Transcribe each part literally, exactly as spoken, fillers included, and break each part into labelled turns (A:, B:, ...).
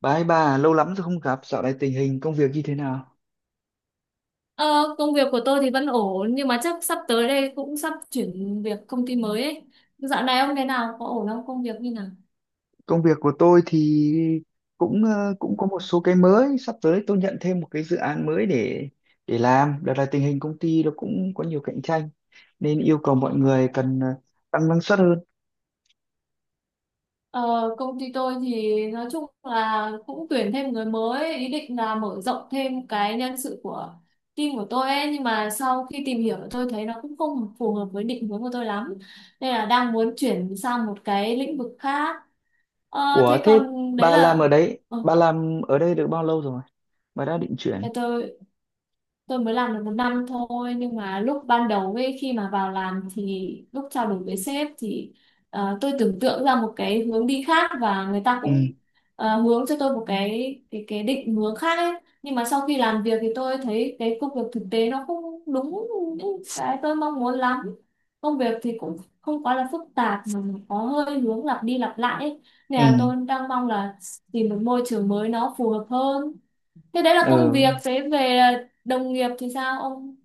A: Bà ơi bà, lâu lắm rồi không gặp, dạo này tình hình công việc như thế nào?
B: Ờ, Công việc của tôi thì vẫn ổn nhưng mà chắc sắp tới đây cũng sắp chuyển việc công ty mới ấy. Dạo này ông thế nào? Có ổn không? Công việc như nào?
A: Công việc của tôi thì cũng ờ, cũng có một số cái mới, sắp tới tôi nhận thêm một cái dự án mới để để làm. Đợt này tình hình công ty nó cũng có nhiều cạnh tranh nên yêu cầu mọi người cần ờ, tăng năng suất hơn.
B: Ờ, Công ty tôi thì nói chung là cũng tuyển thêm người mới, ý định là mở rộng thêm cái nhân sự của team của tôi ấy, nhưng mà sau khi tìm hiểu tôi thấy nó cũng không phù hợp với định hướng của tôi lắm. Nên là đang muốn chuyển sang một cái lĩnh vực khác. Ờ,
A: Ủa
B: thế
A: thế
B: còn đấy
A: bà làm
B: là
A: ở đấy,
B: ờ,
A: bà làm ở đây được bao lâu rồi? Bà đã định chuyển.
B: để tôi tôi mới làm được một năm thôi, nhưng mà lúc ban đầu ấy khi mà vào làm thì lúc trao đổi với sếp thì ờ, tôi tưởng tượng ra một cái hướng đi khác và người ta
A: Ừ,
B: cũng ờ, hướng cho tôi một cái cái cái định hướng khác ấy, nhưng mà sau khi làm việc thì tôi thấy cái công việc thực tế nó không đúng những cái tôi mong muốn lắm. Công việc thì cũng không quá là phức tạp mà có hơi hướng lặp đi lặp lại ấy. Nên là
A: ừ,
B: tôi đang mong là tìm một môi trường mới nó phù hợp hơn. Thế đấy là công
A: ờ,
B: việc, thế về đồng nghiệp thì sao ông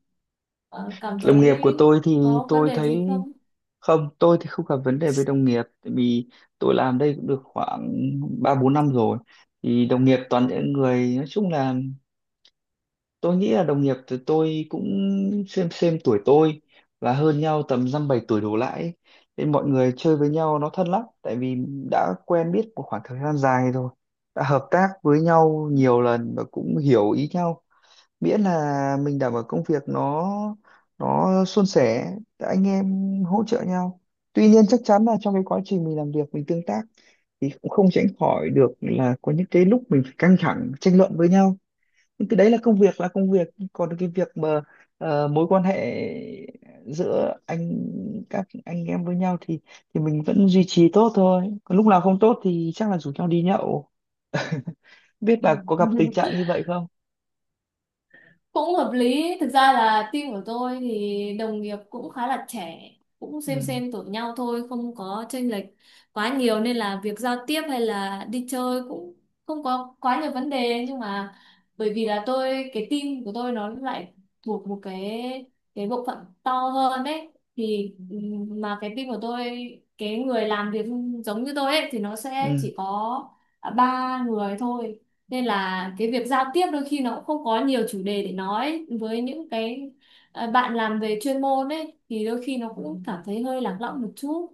B: ờ, cảm
A: đồng nghiệp của
B: thấy
A: tôi thì
B: có vấn
A: tôi
B: đề
A: thấy
B: gì không?
A: không, tôi thì không gặp vấn đề với đồng nghiệp tại vì tôi làm đây cũng được khoảng ba bốn năm rồi. Thì đồng nghiệp toàn những người nói chung là tôi nghĩ là đồng nghiệp thì tôi cũng xem xem tuổi tôi và hơn nhau tầm dăm bảy tuổi đổ lại ấy. Nên mọi người chơi với nhau nó thân lắm tại vì đã quen biết một khoảng thời gian dài rồi, đã hợp tác với nhau nhiều lần và cũng hiểu ý nhau, miễn là mình đảm bảo công việc nó nó suôn sẻ, anh em hỗ trợ nhau. Tuy nhiên chắc chắn là trong cái quá trình mình làm việc mình tương tác thì cũng không tránh khỏi được là có những cái lúc mình phải căng thẳng tranh luận với nhau, nhưng cái đấy là công việc là công việc, còn cái việc mà ờ, mối quan hệ giữa anh các anh em với nhau thì thì mình vẫn duy trì tốt thôi, còn lúc nào không tốt thì chắc là rủ nhau đi nhậu. Biết bà có gặp tình trạng như vậy không?
B: Cũng hợp lý. Thực ra là team của tôi thì đồng nghiệp cũng khá là trẻ, cũng xem
A: Ừ,
B: xem tuổi nhau thôi, không có chênh lệch quá nhiều nên là việc giao tiếp hay là đi chơi cũng không có quá nhiều vấn đề. Nhưng mà bởi vì là tôi cái team của tôi nó lại thuộc một cái cái bộ phận to hơn đấy, thì ừm, mà cái team của tôi, cái người làm việc giống như tôi ấy, thì nó sẽ
A: ừ,
B: chỉ có à, ba người thôi. Nên là cái việc giao tiếp đôi khi nó cũng không có nhiều chủ đề để nói với những cái ờ, bạn làm về chuyên môn ấy, thì đôi khi nó cũng cảm thấy hơi lạc lõng một chút.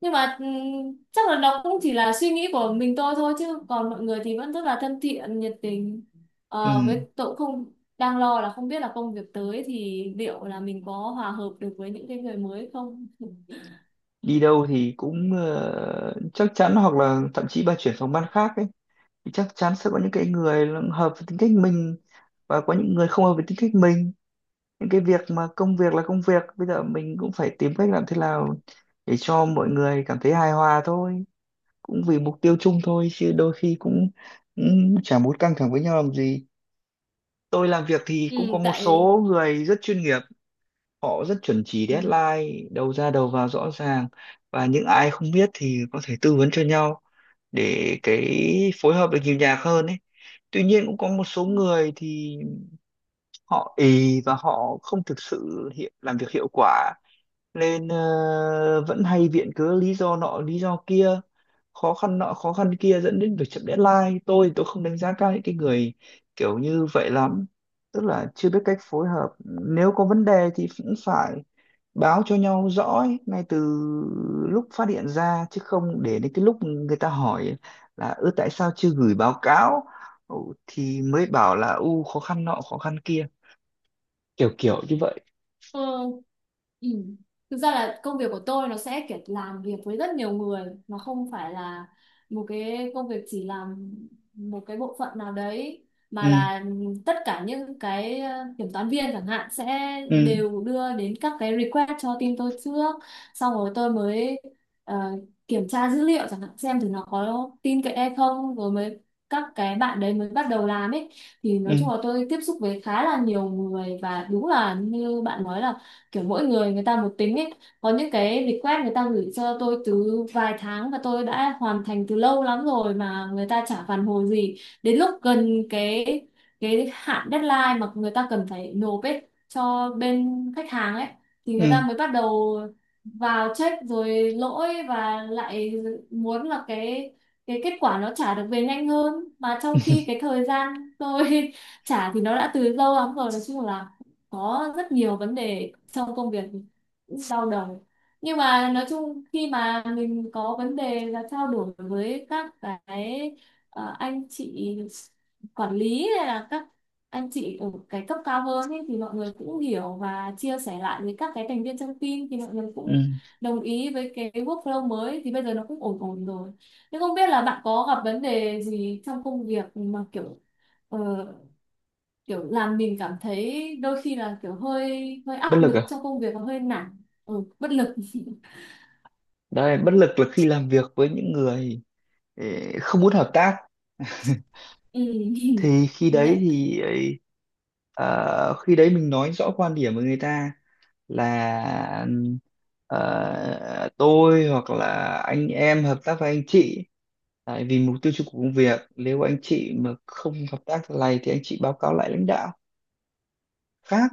B: Nhưng mà ừm, chắc là nó cũng chỉ là suy nghĩ của mình tôi thôi, chứ còn mọi người thì vẫn rất là thân thiện nhiệt tình.
A: ừ,
B: Ờ, với tôi cũng không, đang lo là không biết là công việc tới thì liệu là mình có hòa hợp được với những cái người mới không.
A: đi đâu thì cũng ờ, chắc chắn, hoặc là thậm chí bà chuyển phòng ban khác ấy thì chắc chắn sẽ có những cái người là hợp với tính cách mình và có những người không hợp với tính cách mình. Những cái việc mà công việc là công việc, bây giờ mình cũng phải tìm cách làm thế nào để cho mọi người cảm thấy hài hòa thôi, cũng vì mục tiêu chung thôi chứ đôi khi cũng, cũng chả muốn căng thẳng với nhau làm gì. Tôi làm việc thì cũng có
B: Ừ,
A: một
B: tại
A: số người rất chuyên nghiệp, họ rất chuẩn chỉ deadline đầu ra đầu vào rõ ràng, và những ai không biết thì có thể tư vấn cho nhau để cái phối hợp được nhiều nhạc hơn ấy. Tuy nhiên cũng có một số
B: ừ.
A: người thì họ ì và họ không thực sự hiệu, làm việc hiệu quả, nên ờ, vẫn hay viện cớ lý do nọ lý do kia, khó khăn nọ khó khăn kia dẫn đến việc chậm deadline. Tôi tôi không đánh giá cao những cái người kiểu như vậy lắm, tức là chưa biết cách phối hợp. Nếu có vấn đề thì cũng phải báo cho nhau rõ ấy, ngay từ lúc phát hiện ra chứ không để đến cái lúc người ta hỏi là ư tại sao chưa gửi báo cáo, ừ, thì mới bảo là u khó khăn nọ khó khăn kia kiểu kiểu như vậy.
B: Ờ, ừ. Thực ra là công việc của tôi nó sẽ kiểu làm việc với rất nhiều người, nó không phải là một cái công việc chỉ làm một cái bộ phận nào đấy, mà
A: Ừ,
B: là tất cả những cái ờ, kiểm toán viên chẳng hạn sẽ
A: ừ,
B: đều đưa đến các cái request cho team tôi trước, xong rồi tôi mới ờ, kiểm tra dữ liệu chẳng hạn xem thử nó có tin cậy hay không, rồi mới các cái bạn đấy mới bắt đầu làm ấy. Thì
A: ừ,
B: nói chung là tôi tiếp xúc với khá là nhiều người và đúng là như bạn nói là kiểu mỗi người người ta một tính ấy. Có những cái request người ta gửi cho tôi từ vài tháng và tôi đã hoàn thành từ lâu lắm rồi mà người ta chả phản hồi gì. Đến lúc gần cái cái hạn deadline mà người ta cần phải nộp ấy cho bên khách hàng ấy, thì người ta
A: ừ.
B: mới bắt đầu vào check rồi lỗi và lại muốn là cái cái kết quả nó trả được về nhanh hơn, mà trong khi cái thời gian tôi trả thì nó đã từ lâu lắm rồi. Nói chung là có rất nhiều vấn đề trong công việc, đau đầu. Nhưng mà nói chung khi mà mình có vấn đề là trao đổi với các cái ờ, anh chị quản lý hay là các anh chị ở cái cấp cao hơn ý, thì mọi người cũng hiểu và chia sẻ lại với các cái thành viên trong team, thì mọi người
A: Ừ,
B: cũng đồng ý với cái workflow mới thì bây giờ nó cũng ổn ổn rồi. Nhưng không biết là bạn có gặp vấn đề gì trong công việc mà kiểu ờ, kiểu làm mình cảm thấy đôi khi là kiểu hơi hơi
A: bất
B: áp
A: lực
B: lực
A: à?
B: trong công việc và hơi nản, ừ, bất lực.
A: Đấy bất lực là khi làm việc với những người ê, không muốn hợp tác.
B: Ừ.
A: Thì khi đấy
B: Nhận.
A: thì ấy, ờ, khi đấy mình nói rõ quan điểm với người ta là ờ, tôi hoặc là anh em hợp tác với anh chị tại vì mục tiêu chung của công việc, nếu anh chị mà không hợp tác thế này thì anh chị báo cáo lại lãnh đạo khác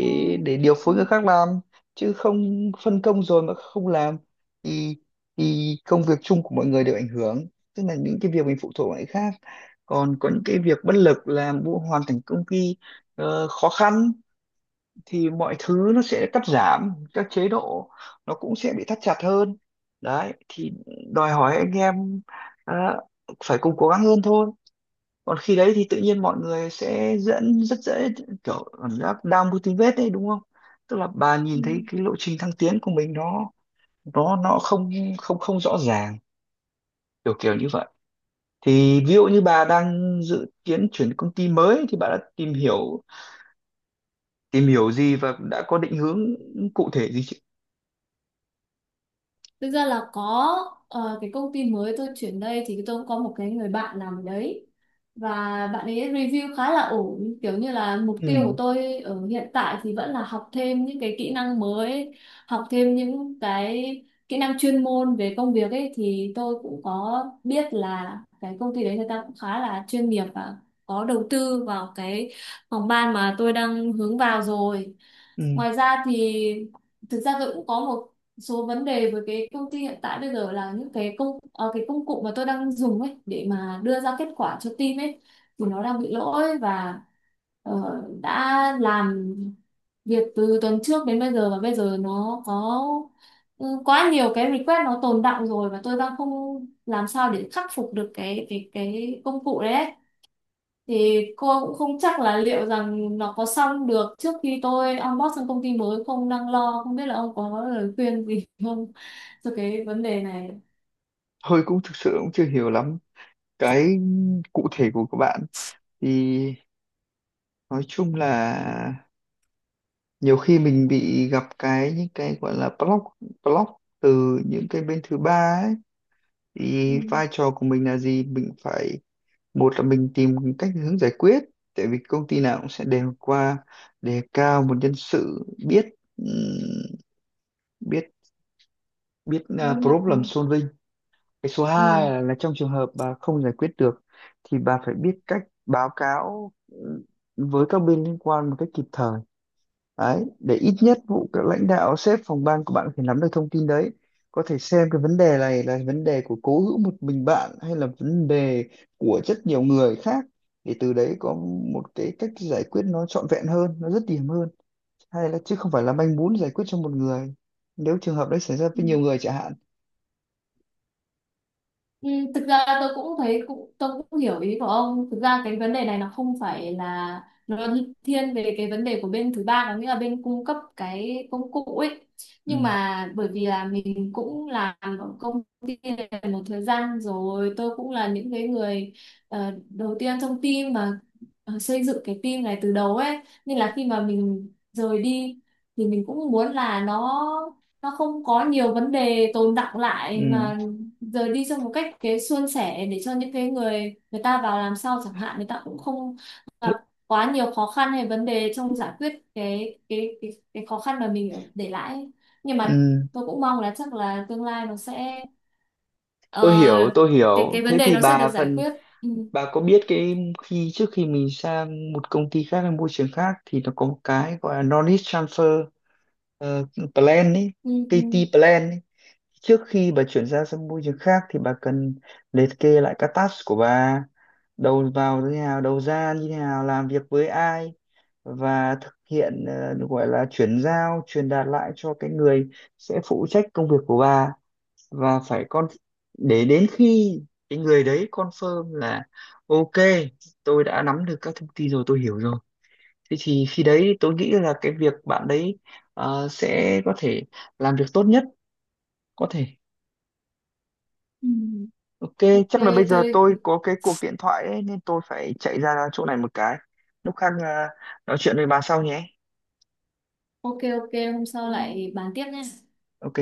B: Ừ.
A: để điều phối người khác làm, chứ không phân công rồi mà không làm thì thì công việc chung của mọi người đều ảnh hưởng, tức là những cái việc mình phụ thuộc vào người khác. Còn có những cái việc bất lực làm vụ hoàn thành công ty ờ, khó khăn thì mọi thứ nó sẽ cắt giảm các chế độ, nó cũng sẽ bị thắt chặt hơn. Đấy thì đòi hỏi anh em ờ, phải cùng cố gắng hơn thôi. Còn khi đấy thì tự nhiên mọi người sẽ dẫn rất dễ kiểu cảm giác down motivate đấy đúng không, tức là bà
B: Ừ.
A: nhìn thấy cái lộ trình thăng tiến của mình nó nó nó không không không rõ ràng kiểu kiểu như vậy. Thì ví dụ như bà đang dự kiến chuyển công ty mới thì bà đã tìm hiểu tìm hiểu gì và đã có định hướng cụ thể gì chứ?
B: Thực ra là có. Ờ, cái công ty mới tôi chuyển đây thì tôi cũng có một cái người bạn làm ở đấy, và bạn ấy review khá là ổn. Kiểu như là mục tiêu của
A: Ừ,
B: tôi ở hiện tại thì vẫn là học thêm những cái kỹ năng mới, học thêm những cái kỹ năng chuyên môn về công việc ấy, thì tôi cũng có biết là cái công ty đấy người ta cũng khá là chuyên nghiệp và có đầu tư vào cái phòng ban mà tôi đang hướng vào rồi.
A: ừ.
B: Ngoài ra thì thực ra tôi cũng có một số vấn đề với cái công ty hiện tại. Bây giờ là những cái công ờ, cái công cụ mà tôi đang dùng ấy để mà đưa ra kết quả cho team ấy, thì nó đang bị lỗi và ờ, đã làm việc từ tuần trước đến bây giờ và bây giờ nó có ừ, quá nhiều cái request nó tồn đọng rồi, và tôi đang không làm sao để khắc phục được cái cái cái công cụ đấy ấy. Thì cô cũng không chắc là liệu rằng nó có xong được trước khi tôi onboard sang công ty mới không. Đang lo không biết là ông có lời khuyên gì không cho cái vấn đề này.
A: Thôi cũng thực sự cũng chưa hiểu lắm cái cụ thể của các bạn thì nói chung là nhiều khi mình bị gặp cái những cái gọi là block block từ những cái bên thứ ba ấy,
B: Ừ.
A: thì vai trò của mình là gì, mình phải, một là mình tìm cách hướng giải quyết, tại vì công ty nào cũng sẽ đều qua đề cao một nhân sự biết ừm, biết biết à,
B: Linh
A: problem
B: động.
A: solving. Cái số
B: Ừ.
A: hai là, là trong trường hợp bà không giải quyết được thì bà phải biết cách báo cáo ừ, với các bên liên quan một cách kịp thời. Đấy, để ít nhất vụ các lãnh đạo sếp phòng ban của bạn có thể nắm được thông tin đấy. Có thể xem cái vấn đề này là vấn đề của cố hữu một mình bạn hay là vấn đề của rất nhiều người khác, để từ đấy có một cái cách giải quyết nó trọn vẹn hơn, nó dứt điểm hơn. Hay là chứ không phải là manh mún giải quyết cho một người, nếu trường hợp đấy xảy ra
B: Ừ.
A: với nhiều người chẳng hạn.
B: Ừ, thực ra tôi cũng thấy cũng tôi cũng hiểu ý của ông. Thực ra cái vấn đề này nó không phải là nó thiên về cái vấn đề của bên thứ ba, có nghĩa là bên cung cấp cái công cụ ấy. Nhưng
A: Ừ,
B: mà bởi vì là mình cũng làm ở công ty này một thời gian rồi, tôi cũng là những cái người ờ, đầu tiên trong team mà ờ, xây dựng cái team này từ đầu ấy, nên là khi mà mình rời đi thì mình cũng muốn là nó nó không có nhiều vấn đề tồn đọng lại,
A: ừ,
B: mà rồi đi trong một cách cái suôn sẻ để cho những cái người người ta vào làm sao chẳng hạn, người ta cũng không
A: thế,
B: gặp quá nhiều khó khăn hay vấn đề trong giải quyết cái cái cái, cái khó khăn mà mình ở- để lại ấy. Nhưng mà
A: ừ,
B: tôi cũng mong là chắc là tương lai nó sẽ ờ,
A: tôi hiểu, tôi
B: cái
A: hiểu.
B: cái vấn
A: Thế
B: đề
A: thì
B: nó sẽ được
A: bà
B: giải
A: phần
B: quyết. Ừ,
A: Bà có biết cái, khi trước khi mình sang một công ty khác hay môi trường khác thì nó có một cái gọi là Knowledge Transfer ờ, Plan ấy,
B: ừ,
A: ca tê
B: ừ.
A: Plan ấy. Trước khi bà chuyển ra sang môi trường khác thì bà cần liệt kê lại các task của bà, đầu vào như thế nào, đầu ra như thế nào, làm việc với ai và thực hiện ờ, gọi là chuyển giao, truyền đạt lại cho cái người sẽ phụ trách công việc của bà và phải con để đến khi cái người đấy confirm là ok, tôi đã nắm được các thông tin rồi, tôi hiểu rồi, thế thì khi đấy tôi nghĩ là cái việc bạn đấy ờ, sẽ có thể làm việc tốt nhất có thể.
B: Ừ.
A: Ok,
B: Ok
A: chắc là bây giờ
B: tôi
A: tôi có cái cuộc điện thoại ấy, nên tôi phải chạy ra chỗ này một cái, lúc khác ờ, nói chuyện với bà sau nhé.
B: ok. Ok, hôm sau lại bàn tiếp nhé.
A: Ok.